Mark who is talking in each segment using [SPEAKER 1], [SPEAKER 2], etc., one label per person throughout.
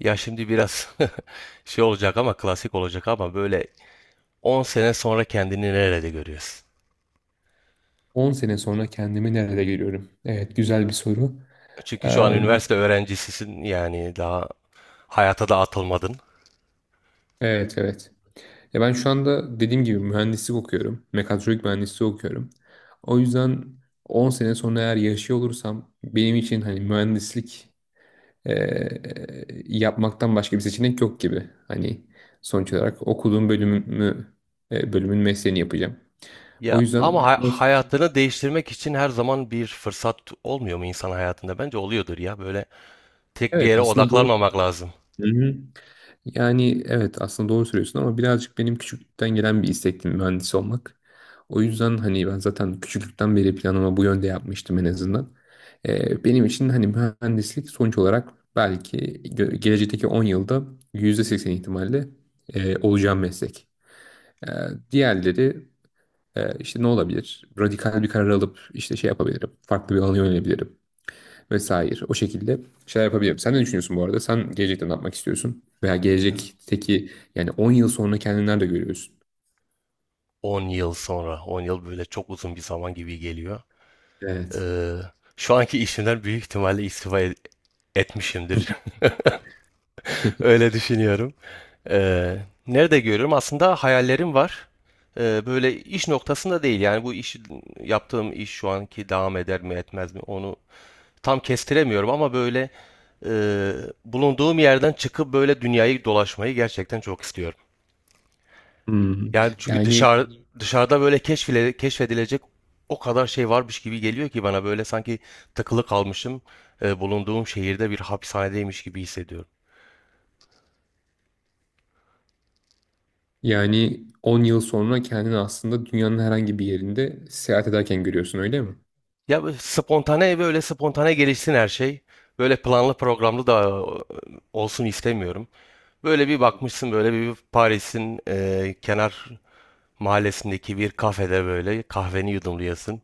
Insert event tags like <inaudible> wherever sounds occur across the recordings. [SPEAKER 1] Ya şimdi biraz <laughs> şey olacak ama klasik olacak ama böyle 10 sene sonra kendini nerede görüyorsun?
[SPEAKER 2] 10 sene sonra kendimi nerede görüyorum? Evet, güzel bir soru.
[SPEAKER 1] Çünkü şu an
[SPEAKER 2] Eee,
[SPEAKER 1] üniversite öğrencisisin yani daha hayata da atılmadın.
[SPEAKER 2] evet, evet. Ya ben şu anda dediğim gibi mühendislik okuyorum. Mekatronik mühendisliği okuyorum. O yüzden 10 sene sonra eğer yaşıyor olursam benim için hani mühendislik eee, yapmaktan başka bir seçenek yok gibi. Hani sonuç olarak okuduğum bölümümü, bölümün mesleğini yapacağım. O
[SPEAKER 1] Ya ama
[SPEAKER 2] yüzden
[SPEAKER 1] hayatını değiştirmek için her zaman bir fırsat olmuyor mu insan hayatında? Bence oluyordur ya böyle tek bir
[SPEAKER 2] evet
[SPEAKER 1] yere
[SPEAKER 2] aslında doğru.
[SPEAKER 1] odaklanmamak lazım.
[SPEAKER 2] Hı hı. Yani evet aslında doğru söylüyorsun ama birazcık benim küçüklükten gelen bir istekti mühendis olmak. O yüzden hani ben zaten küçüklükten beri planımı bu yönde yapmıştım en azından. Benim için hani mühendislik sonuç olarak belki gelecekteki 10 yılda %80 ihtimalle olacağım meslek. Ee, Diğerleri işte ne olabilir? Radikal bir karar alıp işte şey yapabilirim. Farklı bir alana yönelebilirim vesaire. O şekilde şeyler yapabilirim. Sen ne düşünüyorsun bu arada? Sen gelecekte ne yapmak istiyorsun? Veya gelecekteki yani 10 yıl sonra kendini nerede görüyorsun?
[SPEAKER 1] 10 yıl sonra, 10 yıl böyle çok uzun bir zaman gibi geliyor.
[SPEAKER 2] Evet.
[SPEAKER 1] Ee, Şu anki işimden büyük ihtimalle etmişimdir. <laughs>
[SPEAKER 2] <laughs>
[SPEAKER 1] Öyle düşünüyorum. Ee, Nerede görüyorum? Aslında hayallerim var. Böyle iş noktasında değil. Yani bu iş yaptığım iş şu anki devam eder mi etmez mi onu tam kestiremiyorum ama böyle e, bulunduğum yerden çıkıp böyle dünyayı dolaşmayı gerçekten çok istiyorum.
[SPEAKER 2] Hmm.
[SPEAKER 1] Yani çünkü
[SPEAKER 2] Yani
[SPEAKER 1] dışarıda böyle keşfedilecek o kadar şey varmış gibi geliyor ki bana böyle sanki takılı kalmışım, bulunduğum şehirde bir hapishanedeymiş gibi hissediyorum.
[SPEAKER 2] yani 10 yıl sonra kendini aslında dünyanın herhangi bir yerinde seyahat ederken görüyorsun öyle mi?
[SPEAKER 1] Ya böyle spontane ve öyle spontane gelişsin her şey. Böyle planlı programlı da olsun istemiyorum. Böyle bir bakmışsın böyle bir Paris'in kenar mahallesindeki bir kafede böyle kahveni yudumluyorsun.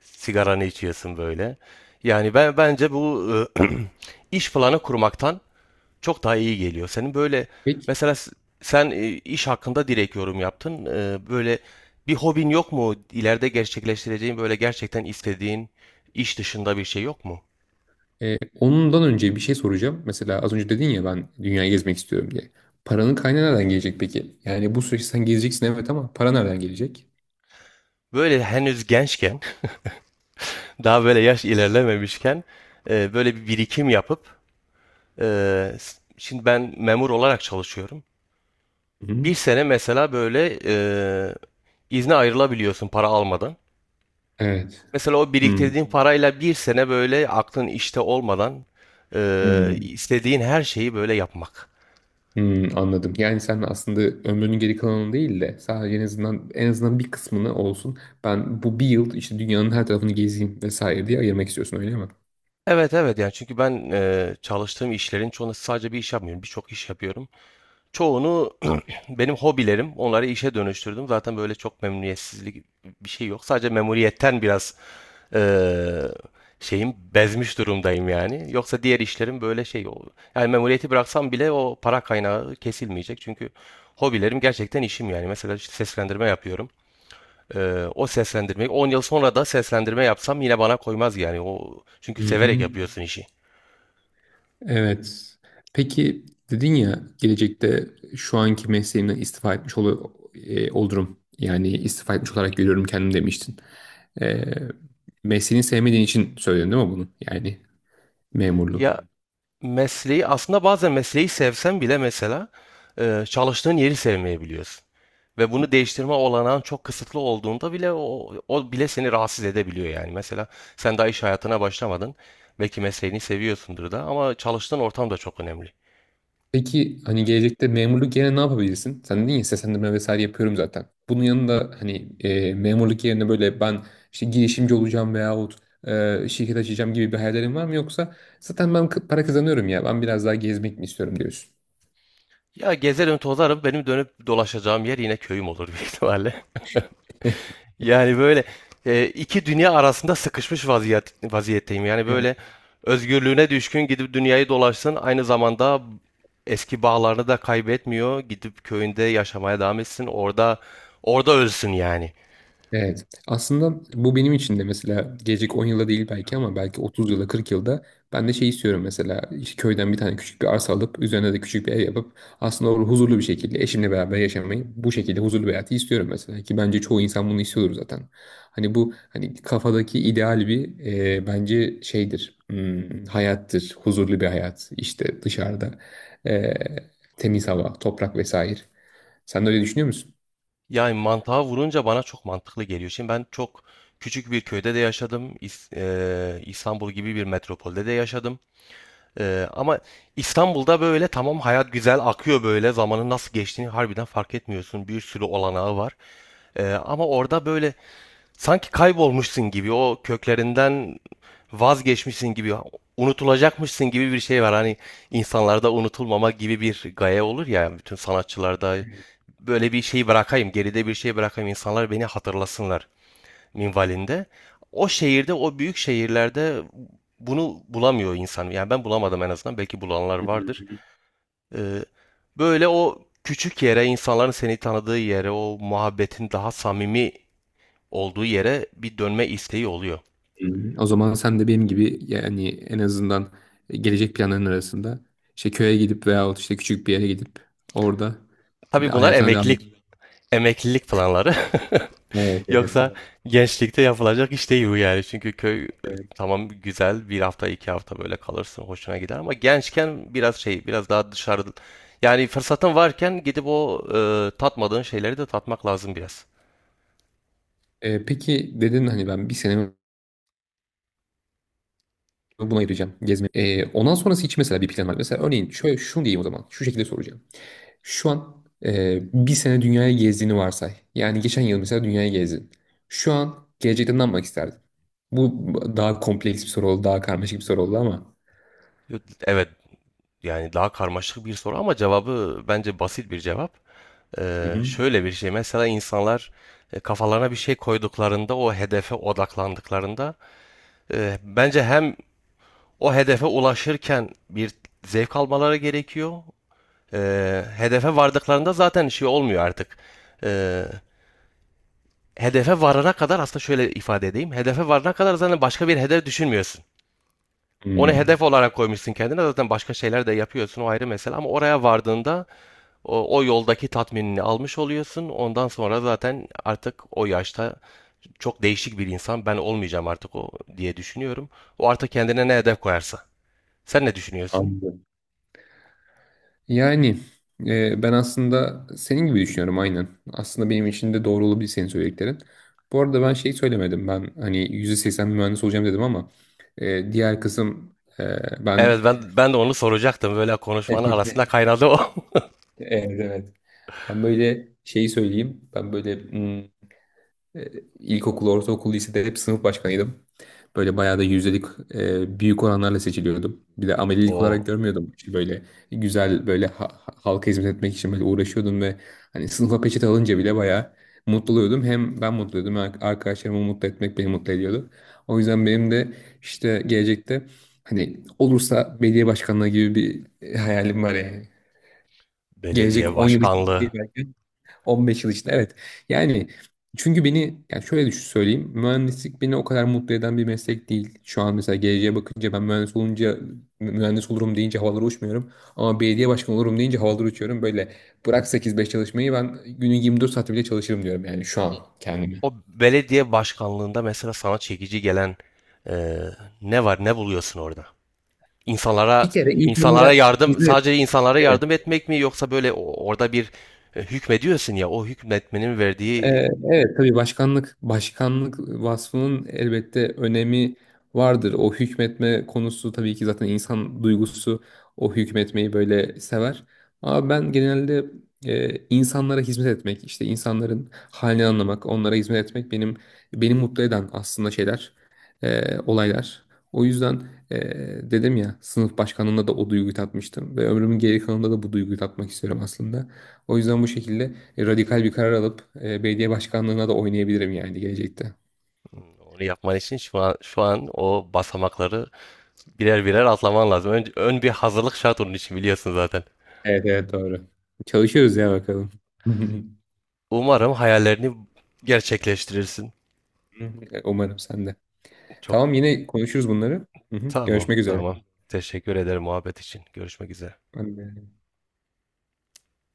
[SPEAKER 1] Sigaranı içiyorsun böyle. Yani ben bence bu e, <clears throat> iş planı kurmaktan çok daha iyi geliyor. Senin böyle
[SPEAKER 2] Peki
[SPEAKER 1] mesela sen iş hakkında direkt yorum yaptın. E, böyle bir hobin yok mu? İleride gerçekleştireceğin böyle gerçekten istediğin iş dışında bir şey yok mu?
[SPEAKER 2] ondan önce bir şey soracağım. Mesela az önce dedin ya ben dünyayı gezmek istiyorum diye. Paranın kaynağı nereden gelecek peki? Yani bu süreçte sen gezeceksin evet ama para nereden gelecek?
[SPEAKER 1] Böyle henüz gençken, <laughs> daha böyle yaş ilerlememişken böyle bir birikim yapıp e, şimdi ben memur olarak çalışıyorum.
[SPEAKER 2] Hı.
[SPEAKER 1] Bir sene mesela böyle izne ayrılabiliyorsun para almadan.
[SPEAKER 2] Evet.
[SPEAKER 1] Mesela o
[SPEAKER 2] Hmm.
[SPEAKER 1] biriktirdiğin parayla bir sene böyle aklın işte olmadan
[SPEAKER 2] Hmm.
[SPEAKER 1] istediğin her şeyi böyle yapmak.
[SPEAKER 2] Anladım. Yani sen aslında ömrünün geri kalanını değil de sadece en azından bir kısmını olsun. Ben bu bir yıl işte dünyanın her tarafını gezeyim vesaire diye ayırmak istiyorsun öyle mi?
[SPEAKER 1] Evet, evet, yani çünkü ben çalıştığım işlerin çoğunda sadece bir iş yapmıyorum. Birçok iş yapıyorum. Çoğunu <clears throat> benim hobilerim, onları işe dönüştürdüm. Zaten böyle çok memnuniyetsizlik bir şey yok. Sadece memuriyetten biraz eee şeyim bezmiş durumdayım yani. Yoksa diğer işlerim böyle yani memuriyeti bıraksam bile o para kaynağı kesilmeyecek. Çünkü hobilerim gerçekten işim yani. Mesela işte seslendirme yapıyorum. O seslendirmeyi 10 yıl sonra da seslendirme yapsam yine bana koymaz yani. O çünkü
[SPEAKER 2] Hı
[SPEAKER 1] severek
[SPEAKER 2] hı.
[SPEAKER 1] yapıyorsun işi.
[SPEAKER 2] Evet. Peki dedin ya gelecekte şu anki mesleğimden istifa etmiş olurum. Yani istifa etmiş olarak görüyorum kendimi demiştin. E, Mesleğini sevmediğin için söyledin değil mi bunu? Yani memurluğu.
[SPEAKER 1] Ya mesleği aslında bazen mesleği sevsen bile mesela çalıştığın yeri sevmeyebiliyorsun. Ve bunu değiştirme olanağın çok kısıtlı olduğunda bile o bile seni rahatsız edebiliyor yani. Mesela sen daha iş hayatına başlamadın. Belki mesleğini seviyorsundur da ama çalıştığın ortam da çok önemli.
[SPEAKER 2] Peki hani gelecekte memurluk yerine ne yapabilirsin? Sen dedin ya seslendirme vesaire yapıyorum zaten. Bunun yanında hani memurluk yerine böyle ben işte girişimci olacağım veyahut şirket açacağım gibi bir hayallerin var mı? Yoksa zaten ben para kazanıyorum ya ben biraz daha gezmek mi istiyorum diyorsun.
[SPEAKER 1] Ya gezerim tozarım benim dönüp dolaşacağım yer yine köyüm olur büyük ihtimalle. <laughs> Yani böyle iki dünya arasında sıkışmış vaziyetteyim. Yani
[SPEAKER 2] <laughs>
[SPEAKER 1] böyle özgürlüğüne düşkün gidip dünyayı dolaşsın. Aynı zamanda eski bağlarını da kaybetmiyor. Gidip köyünde yaşamaya devam etsin. Orada ölsün yani.
[SPEAKER 2] Evet. Aslında bu benim için de mesela gelecek 10 yılda değil belki ama belki 30 yılda 40 yılda ben de şey istiyorum mesela işte köyden bir tane küçük bir arsa alıp üzerine de küçük bir ev yapıp aslında orada huzurlu bir şekilde eşimle beraber yaşamayı bu şekilde huzurlu bir hayatı istiyorum mesela ki bence çoğu insan bunu istiyordur zaten. Hani bu hani kafadaki ideal bir bence şeydir hayattır huzurlu bir hayat işte dışarıda e, temiz hava toprak vesaire. Sen de öyle düşünüyor musun?
[SPEAKER 1] Yani mantığa vurunca bana çok mantıklı geliyor. Şimdi ben çok küçük bir köyde de yaşadım. İstanbul gibi bir metropolde de yaşadım. Ama İstanbul'da böyle tamam hayat güzel akıyor böyle zamanın nasıl geçtiğini harbiden fark etmiyorsun. Bir sürü olanağı var. Ama orada böyle sanki kaybolmuşsun gibi o köklerinden vazgeçmişsin gibi unutulacakmışsın gibi bir şey var. Hani insanlarda unutulmama gibi bir gaye olur ya bütün sanatçılarda böyle bir şey bırakayım geride bir şey bırakayım insanlar beni hatırlasınlar minvalinde. O şehirde, o büyük şehirlerde bunu bulamıyor insan. Yani ben bulamadım en azından. Belki bulanlar vardır. Ee, Böyle o küçük yere, insanların seni tanıdığı yere, o muhabbetin daha samimi olduğu yere bir dönme isteği oluyor.
[SPEAKER 2] Hı. O zaman sen de benim gibi yani en azından gelecek planların arasında işte köye gidip veyahut işte küçük bir yere gidip orada
[SPEAKER 1] Tabii bunlar
[SPEAKER 2] hayatına devam et.
[SPEAKER 1] emeklilik Emeklilik planları.
[SPEAKER 2] Evet,
[SPEAKER 1] <laughs>
[SPEAKER 2] evet,
[SPEAKER 1] Yoksa
[SPEAKER 2] doğru.
[SPEAKER 1] gençlikte yapılacak iş değil bu yani. Çünkü köy
[SPEAKER 2] Evet.
[SPEAKER 1] tamam güzel bir hafta iki hafta böyle kalırsın hoşuna gider ama gençken biraz şey biraz daha dışarı yani fırsatın varken gidip o tatmadığın şeyleri de tatmak lazım biraz.
[SPEAKER 2] Peki dedin hani ben bir senemi buna ayıracağım gezme. Ondan sonrası için mesela bir plan var. Mesela örneğin şöyle şunu diyeyim o zaman. Şu şekilde soracağım. Şu an bir sene dünyaya gezdiğini varsay. Yani geçen yıl mesela dünyaya gezdin. Şu an gelecekte ne yapmak isterdin? Bu daha kompleks bir soru oldu, daha karmaşık bir soru oldu ama.
[SPEAKER 1] Evet, yani daha karmaşık bir soru ama cevabı bence basit bir cevap.
[SPEAKER 2] Hı
[SPEAKER 1] E,
[SPEAKER 2] hı.
[SPEAKER 1] şöyle bir şey mesela insanlar kafalarına bir şey koyduklarında o hedefe odaklandıklarında e, bence hem o hedefe ulaşırken bir zevk almaları gerekiyor. Hedefe vardıklarında zaten şey olmuyor artık. Ee, Hedefe varana kadar aslında şöyle ifade edeyim. Hedefe varana kadar zaten başka bir hedef düşünmüyorsun. Onu hedef
[SPEAKER 2] Hmm,
[SPEAKER 1] olarak koymuşsun kendine zaten başka şeyler de yapıyorsun o ayrı mesele ama oraya vardığında o yoldaki tatminini almış oluyorsun. Ondan sonra zaten artık o yaşta çok değişik bir insan ben olmayacağım artık o diye düşünüyorum. O artık kendine ne hedef koyarsa. Sen ne düşünüyorsun?
[SPEAKER 2] Anladım. Yani ben aslında senin gibi düşünüyorum aynen. Aslında benim için de doğru olabilir senin söylediklerin. Bu arada ben şey söylemedim. Ben hani %80 mühendis olacağım dedim ama diğer kısım ben.
[SPEAKER 1] Evet, ben de onu soracaktım. Böyle
[SPEAKER 2] <laughs>
[SPEAKER 1] konuşmanın
[SPEAKER 2] Evet,
[SPEAKER 1] arasında kaynadı o. <laughs>
[SPEAKER 2] evet. Ben böyle şeyi söyleyeyim. Ben böyle. E, İlkokul, ortaokul, lisede hep sınıf başkanıydım. Böyle bayağı da yüzdelik büyük oranlarla seçiliyordum. Bir de amelilik olarak
[SPEAKER 1] O
[SPEAKER 2] görmüyordum. İşte böyle güzel böyle halka hizmet etmek için böyle uğraşıyordum ve hani sınıfa peçete alınca bile bayağı mutlu oluyordum. Hem ben mutlu oluyordum, arkadaşlarımı mutlu etmek beni mutlu ediyordu. O yüzden benim de işte gelecekte hani olursa belediye başkanlığı gibi bir hayalim var yani.
[SPEAKER 1] belediye
[SPEAKER 2] Gelecek 10 yıl için değil
[SPEAKER 1] başkanlığı.
[SPEAKER 2] belki, 15 yıl içinde evet. Yani çünkü beni yani şöyle düşün söyleyeyim. Mühendislik beni o kadar mutlu eden bir meslek değil. Şu an mesela geleceğe bakınca ben mühendis olunca mühendis olurum deyince havalara uçmuyorum. Ama belediye başkanı olurum deyince havalara uçuyorum. Böyle bırak 8-5 çalışmayı, ben günün 24 saati bile çalışırım diyorum yani
[SPEAKER 1] Ve
[SPEAKER 2] şu an kendime.
[SPEAKER 1] o belediye başkanlığında mesela sana çekici gelen e, ne var? Ne buluyorsun orada? İnsanlara,
[SPEAKER 2] Bir kere
[SPEAKER 1] insanlara
[SPEAKER 2] insanlara
[SPEAKER 1] yardım,
[SPEAKER 2] hizmet.
[SPEAKER 1] sadece insanlara yardım etmek mi yoksa böyle orada bir hükmediyorsun ya o hükmetmenin
[SPEAKER 2] Ee,
[SPEAKER 1] verdiği
[SPEAKER 2] Evet, tabii başkanlık vasfının elbette önemi vardır. O hükmetme konusu tabii ki zaten insan duygusu o hükmetmeyi böyle sever. Ama ben genelde insanlara hizmet etmek, işte insanların halini anlamak, onlara hizmet etmek beni mutlu eden aslında şeyler, olaylar. O yüzden e, dedim ya sınıf başkanlığında da o duyguyu tatmıştım ve ömrümün geri kalanında da bu duyguyu tatmak istiyorum aslında. O yüzden bu şekilde radikal bir karar alıp belediye başkanlığına da oynayabilirim yani gelecekte.
[SPEAKER 1] onu yapman için şu an o basamakları birer birer atlaman lazım. Önce ön bir hazırlık şart onun için biliyorsun zaten.
[SPEAKER 2] Evet, evet, doğru. Çalışıyoruz ya, bakalım. <laughs>
[SPEAKER 1] Umarım hayallerini gerçekleştirirsin.
[SPEAKER 2] Umarım sen de.
[SPEAKER 1] Çok
[SPEAKER 2] Tamam, yine konuşuruz bunları. Hı hı.
[SPEAKER 1] tamam,
[SPEAKER 2] Görüşmek üzere.
[SPEAKER 1] tamam. Teşekkür ederim muhabbet için. Görüşmek üzere.
[SPEAKER 2] Ben de.